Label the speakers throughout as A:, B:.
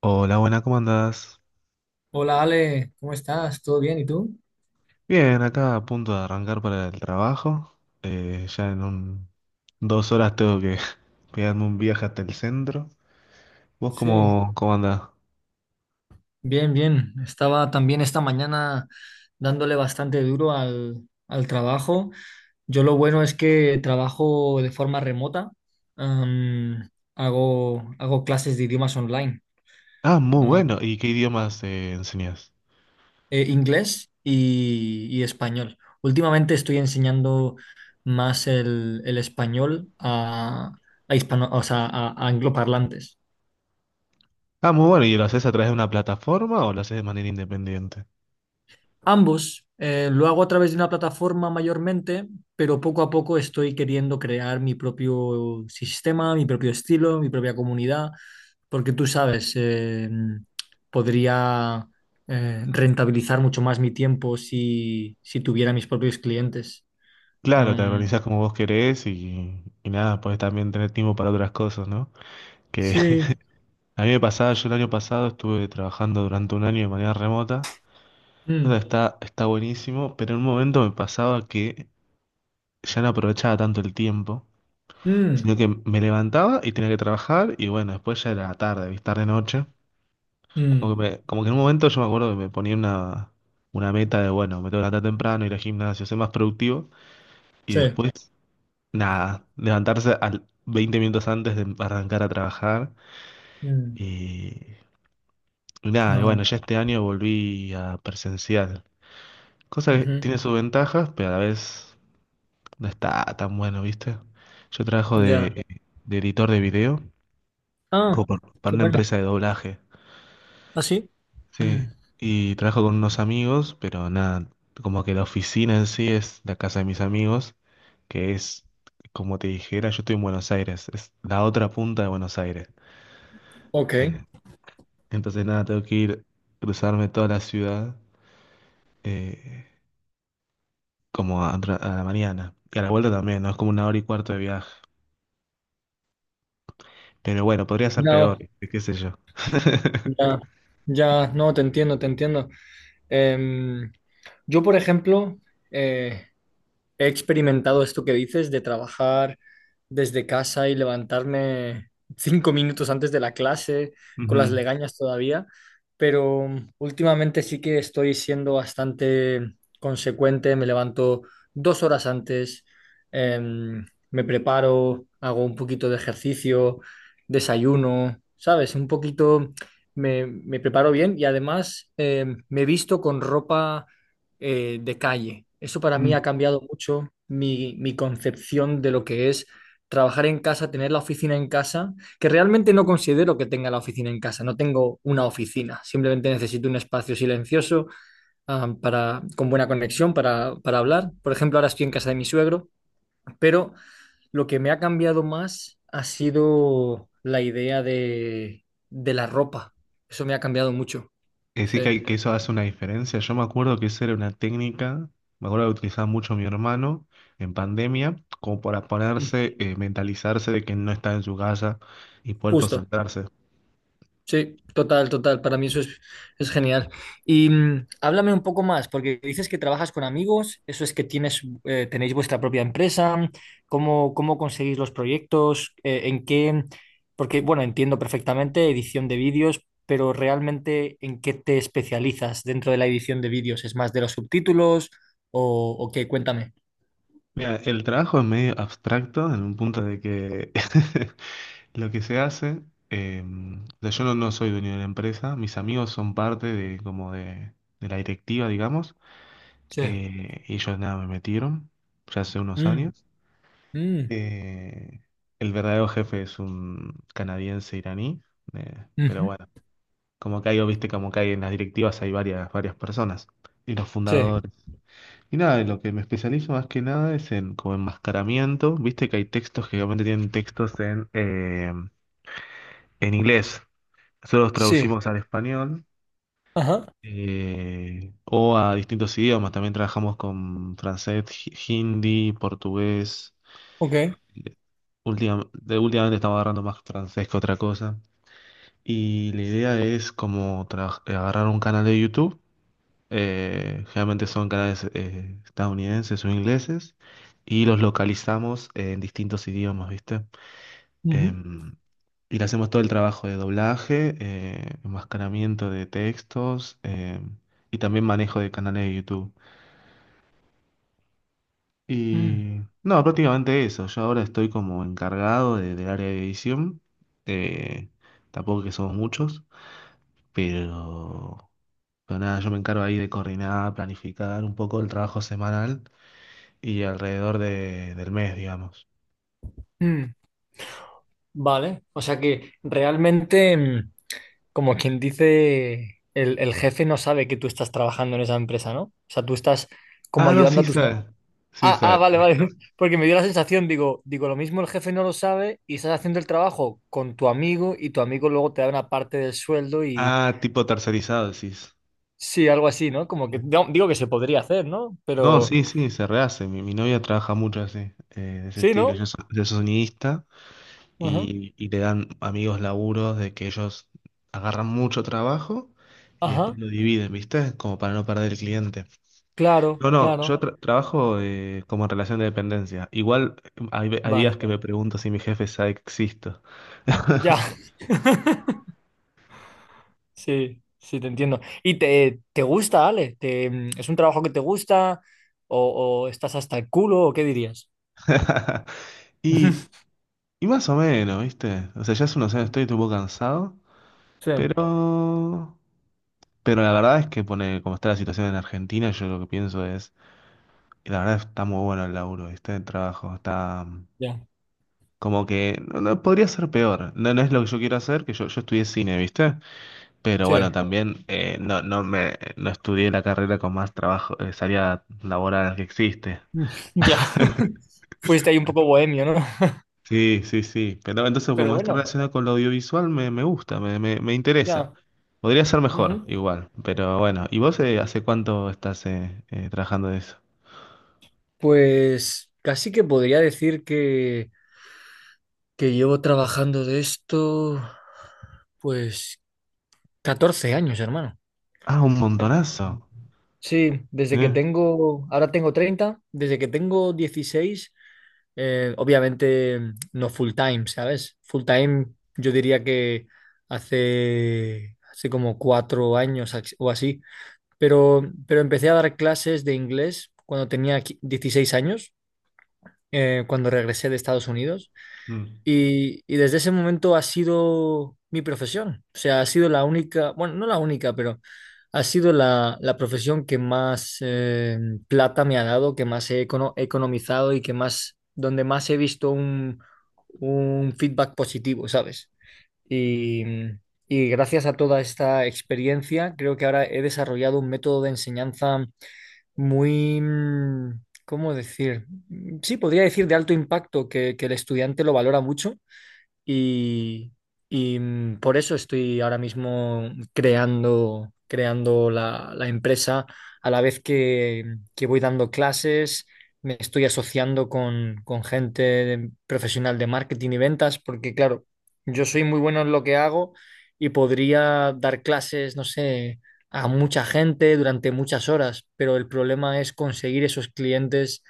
A: Hola, buena, ¿cómo andás?
B: Hola Ale, ¿cómo estás? ¿Todo bien? ¿Y tú?
A: Bien, acá a punto de arrancar para el trabajo. Ya en dos horas tengo que pegarme un viaje hasta el centro. ¿Vos
B: Sí,
A: cómo andás?
B: bien, bien. Estaba también esta mañana dándole bastante duro al trabajo. Yo lo bueno es que trabajo de forma remota. Am, hago clases de idiomas online,
A: Ah, muy
B: ah,
A: bueno. ¿Y qué idiomas enseñás?
B: inglés y español. Últimamente estoy enseñando más el español a hispano, o sea, a angloparlantes.
A: Ah, muy bueno. ¿Y lo haces a través de una plataforma o lo haces de manera independiente?
B: Ambos, lo hago a través de una plataforma mayormente, pero poco a poco estoy queriendo crear mi propio sistema, mi propio estilo, mi propia comunidad, porque tú sabes, podría rentabilizar mucho más mi tiempo si tuviera mis propios clientes.
A: Claro, te
B: Um,
A: organizás como vos querés y nada, podés también tener tiempo para otras cosas, ¿no? Que
B: sí.
A: a mí me pasaba, yo el año pasado estuve trabajando durante un año de manera remota. O sea,
B: Mm,
A: está buenísimo, pero en un momento me pasaba que ya no aprovechaba tanto el tiempo, sino
B: mm,
A: que me levantaba y tenía que trabajar y bueno, después ya era tarde, ¿viste? Tarde noche. Como
B: mm,
A: que como que en un momento yo me acuerdo que me ponía una meta de, bueno, me tengo que levantar temprano, ir al gimnasio, ser más productivo y
B: sí.
A: después, nada, levantarse al 20 minutos antes de arrancar a trabajar
B: Mm,
A: y, y nada, y bueno,
B: no.
A: ya este año volví a presencial, cosa que
B: Ujú.
A: tiene sus ventajas, pero a la vez. No está tan bueno, ¿viste? Yo trabajo
B: Ya.
A: de editor de video
B: Ah,
A: para
B: qué
A: una
B: bueno.
A: empresa de doblaje.
B: ¿Ah, sí? Mm.
A: Sí, y trabajo con unos amigos, pero nada, como que la oficina en sí es la casa de mis amigos, que es, como te dijera, yo estoy en Buenos Aires, es la otra punta de Buenos Aires.
B: Ok.
A: Eh, entonces nada, tengo que ir, cruzarme toda la ciudad, eh, a la mañana. Y a la vuelta también, ¿no? Es como una hora y cuarto de viaje. Pero bueno, podría ser peor,
B: No.
A: qué sé yo.
B: Ya, ya, no, te entiendo, te entiendo. Em, yo, por ejemplo, eh, he experimentado esto que dices de trabajar desde casa y levantarme 5 minutos antes de la clase, con las
A: Ujú.
B: legañas todavía, pero últimamente sí que estoy siendo bastante consecuente, me levanto 2 horas antes, em, me preparo, hago un poquito de ejercicio, desayuno, ¿sabes? Un poquito me preparo bien y además me visto con ropa de calle. Eso para mí
A: Mm.
B: ha cambiado mucho mi concepción de lo que es trabajar en casa, tener la oficina en casa, que realmente no considero que tenga la oficina en casa, no tengo una oficina, simplemente necesito un espacio silencioso, para, con buena conexión, para hablar. Por ejemplo, ahora estoy en casa de mi suegro, pero lo que me ha cambiado más ha sido la idea de la ropa. Eso me ha cambiado mucho.
A: Es decir,
B: Sí.
A: que eso hace una diferencia. Yo me acuerdo que esa era una técnica, me acuerdo que utilizaba mucho mi hermano en pandemia, como para
B: Mm.
A: ponerse, mentalizarse de que no está en su casa y poder
B: Justo.
A: concentrarse.
B: Sí, total, total. Para mí eso es genial. Y háblame un poco más, porque dices que trabajas con amigos, eso es que tienes, tenéis vuestra propia empresa, cómo conseguís los proyectos, en qué, porque bueno, entiendo perfectamente edición de vídeos, pero realmente en qué te especializas dentro de la edición de vídeos, ¿es más de los subtítulos o qué? Cuéntame.
A: Mira, el trabajo es medio abstracto en un punto de que lo que se hace, eh, o sea, yo no soy dueño de la empresa, mis amigos son parte de la directiva, digamos,
B: Sí.
A: y ellos nada, me metieron ya hace unos
B: Mm,
A: años.
B: mm,
A: Eh, el verdadero jefe es un canadiense iraní, pero
B: ujú.
A: bueno, como que hay, viste, como que hay en las directivas hay varias personas y los
B: Sí,
A: fundadores. Y nada, en lo que me especializo más que nada es en como enmascaramiento, viste que hay textos que obviamente tienen textos en inglés, nosotros los
B: sí.
A: traducimos al español.
B: Ajá,
A: O a distintos idiomas, también trabajamos con francés, hindi, portugués.
B: ok.
A: Últimamente estamos agarrando más francés que otra cosa. Y la idea es como agarrar un canal de YouTube, generalmente son canales estadounidenses o ingleses, y los localizamos en distintos idiomas, ¿viste?
B: Ujú,
A: Em, y le hacemos todo el trabajo de doblaje, enmascaramiento de textos, y también manejo de canales de YouTube.
B: mm,
A: Y no, prácticamente eso. Yo ahora estoy como encargado del área de edición. eh, tampoco que somos muchos, pero. Pero nada, yo me encargo ahí de coordinar, planificar un poco el trabajo semanal y alrededor del mes, digamos.
B: mm. Vale, o sea que realmente, como quien dice, el jefe no sabe que tú estás trabajando en esa empresa, ¿no? O sea, tú estás como
A: Ah, no,
B: ayudando
A: sí
B: a tus...
A: sabes. Sí
B: Ah, ah,
A: sabes.
B: vale, vale, porque me dio la sensación, digo, lo mismo el jefe no lo sabe y estás haciendo el trabajo con tu amigo y tu amigo luego te da una parte del sueldo y
A: Ah, tipo tercerizado, decís.
B: sí, algo así, ¿no? Como que
A: Mm.
B: no, digo que se podría hacer, ¿no?
A: No,
B: Pero
A: sí, sí, se rehace. Mi novia trabaja mucho así, de ese
B: sí,
A: estilo.
B: ¿no?
A: Yo soy sonidista
B: Ajá,
A: y le dan amigos laburos de que ellos agarran mucho trabajo y
B: ajá,
A: después lo dividen, ¿viste? Como para no perder el cliente.
B: claro,
A: No, no, yo
B: claro,
A: trabajo como en relación de dependencia. Igual hay días
B: vale,
A: que me pregunto si mi jefe sabe que existo.
B: ya. Sí, sí, te entiendo. ¿Y te gusta, Ale? ¿Es un trabajo que te gusta? ¿O estás hasta el culo? ¿O qué dirías?
A: Y, y más o menos, ¿viste? O sea, ya hace unos años estoy un poco cansado,
B: Sí,
A: pero. Pero la verdad es que pone, como está la situación en Argentina, yo lo que pienso es, y la verdad está muy bueno el laburo, ¿viste? El trabajo está
B: ya,
A: como que no, no, podría ser peor. No, no es lo que yo quiero hacer, que yo estudié cine, ¿viste? Pero
B: sí,
A: bueno, también no, no me no estudié la carrera con más trabajo, salida laboral que existe.
B: ya. Fuiste ahí un poco bohemio, ¿no?
A: Sí, sí, sí. Pero entonces,
B: Pero
A: como está
B: bueno,
A: relacionado con lo audiovisual, me gusta, me interesa.
B: ya.
A: Podría ser mejor,
B: Ujú.
A: igual. Pero bueno, ¿y vos hace cuánto estás trabajando de eso?
B: Pues casi que podría decir que llevo trabajando de esto, pues, 14 años, hermano.
A: Ah, un montonazo.
B: Sí, desde que
A: Sí.
B: tengo, ahora tengo 30, desde que tengo 16, obviamente no full time, ¿sabes? Full time yo diría que hace como 4 años o así, pero empecé a dar clases de inglés cuando tenía 16 años, cuando regresé de Estados Unidos.
A: Mm.
B: Y desde ese momento ha sido mi profesión. O sea, ha sido la única, bueno, no la única, pero ha sido la profesión que más plata me ha dado, que más he economizado y que más, donde más he visto un feedback positivo, ¿sabes? Y, y gracias a toda esta experiencia, creo que ahora he desarrollado un método de enseñanza muy, ¿cómo decir? Sí, podría decir de alto impacto, que el estudiante lo valora mucho y, y por eso estoy ahora mismo creando la empresa a la vez que voy dando clases, me estoy asociando con gente profesional de marketing y ventas, porque claro, yo soy muy bueno en lo que hago y podría dar clases, no sé, a mucha gente durante muchas horas, pero el problema es conseguir esos clientes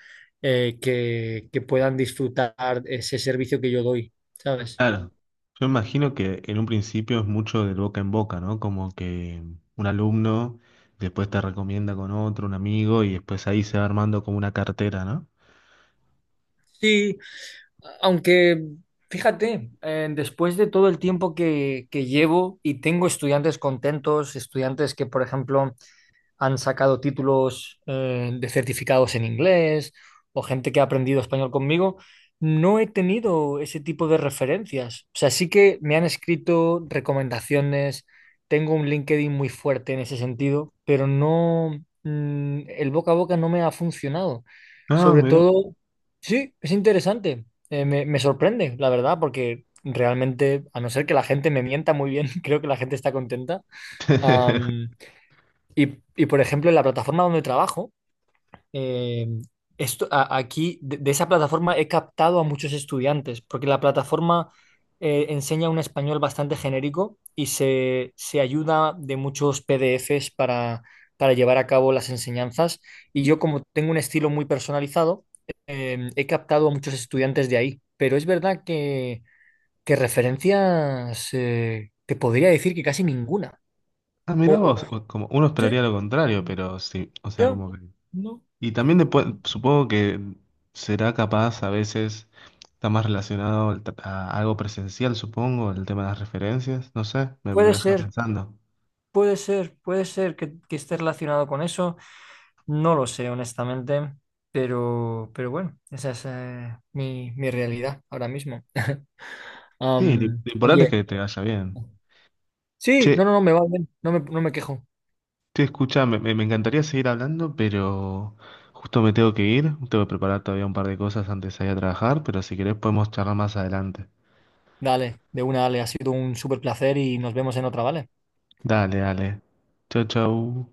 B: que puedan disfrutar ese servicio que yo doy, ¿sabes?
A: Claro, yo imagino que en un principio es mucho del boca en boca, ¿no? Como que un alumno después te recomienda con otro, un amigo, y después ahí se va armando como una cartera, ¿no?
B: Sí, aunque fíjate, después de todo el tiempo que llevo y tengo estudiantes contentos, estudiantes que, por ejemplo, han sacado títulos de certificados en inglés o gente que ha aprendido español conmigo, no he tenido ese tipo de referencias. O sea, sí que me han escrito recomendaciones, tengo un LinkedIn muy fuerte en ese sentido, pero no, el boca a boca no me ha funcionado.
A: Ah,
B: Sobre
A: mirá.
B: todo, sí, es interesante. Me sorprende, la verdad, porque realmente, a no ser que la gente me mienta muy bien, creo que la gente está contenta. Y, por ejemplo, en la plataforma donde trabajo, eh, esto, aquí de esa plataforma he captado a muchos estudiantes, porque la plataforma enseña un español bastante genérico y se ayuda de muchos PDFs para llevar a cabo las enseñanzas. Y yo, como tengo un estilo muy personalizado, he captado a muchos estudiantes de ahí. Pero es verdad que referencias, te podría decir que casi ninguna.
A: Ah, mirá
B: O- o-
A: vos, como uno
B: sí,
A: esperaría lo contrario, pero sí, o sea,
B: ya.
A: como que.
B: No.
A: Y también después, supongo que será capaz a veces, está más relacionado al a algo presencial, supongo, el tema de las referencias, no sé, me
B: Puede
A: deja
B: ser,
A: pensando.
B: puede ser, puede ser que esté relacionado con eso. No lo sé, honestamente, pero bueno, esa es mi realidad ahora mismo.
A: Sí,
B: Am,
A: lo importante es
B: oye,
A: que te vaya bien.
B: sí,
A: Che,
B: no, no, no, me va bien, no me quejo.
A: sí, escucha, me encantaría seguir hablando, pero justo me tengo que ir. Tengo que preparar todavía un par de cosas antes de ir a trabajar, pero si querés podemos charlar más adelante.
B: Dale, de una, dale, ha sido un súper placer y nos vemos en otra, ¿vale?
A: Dale, dale. Chau, chau.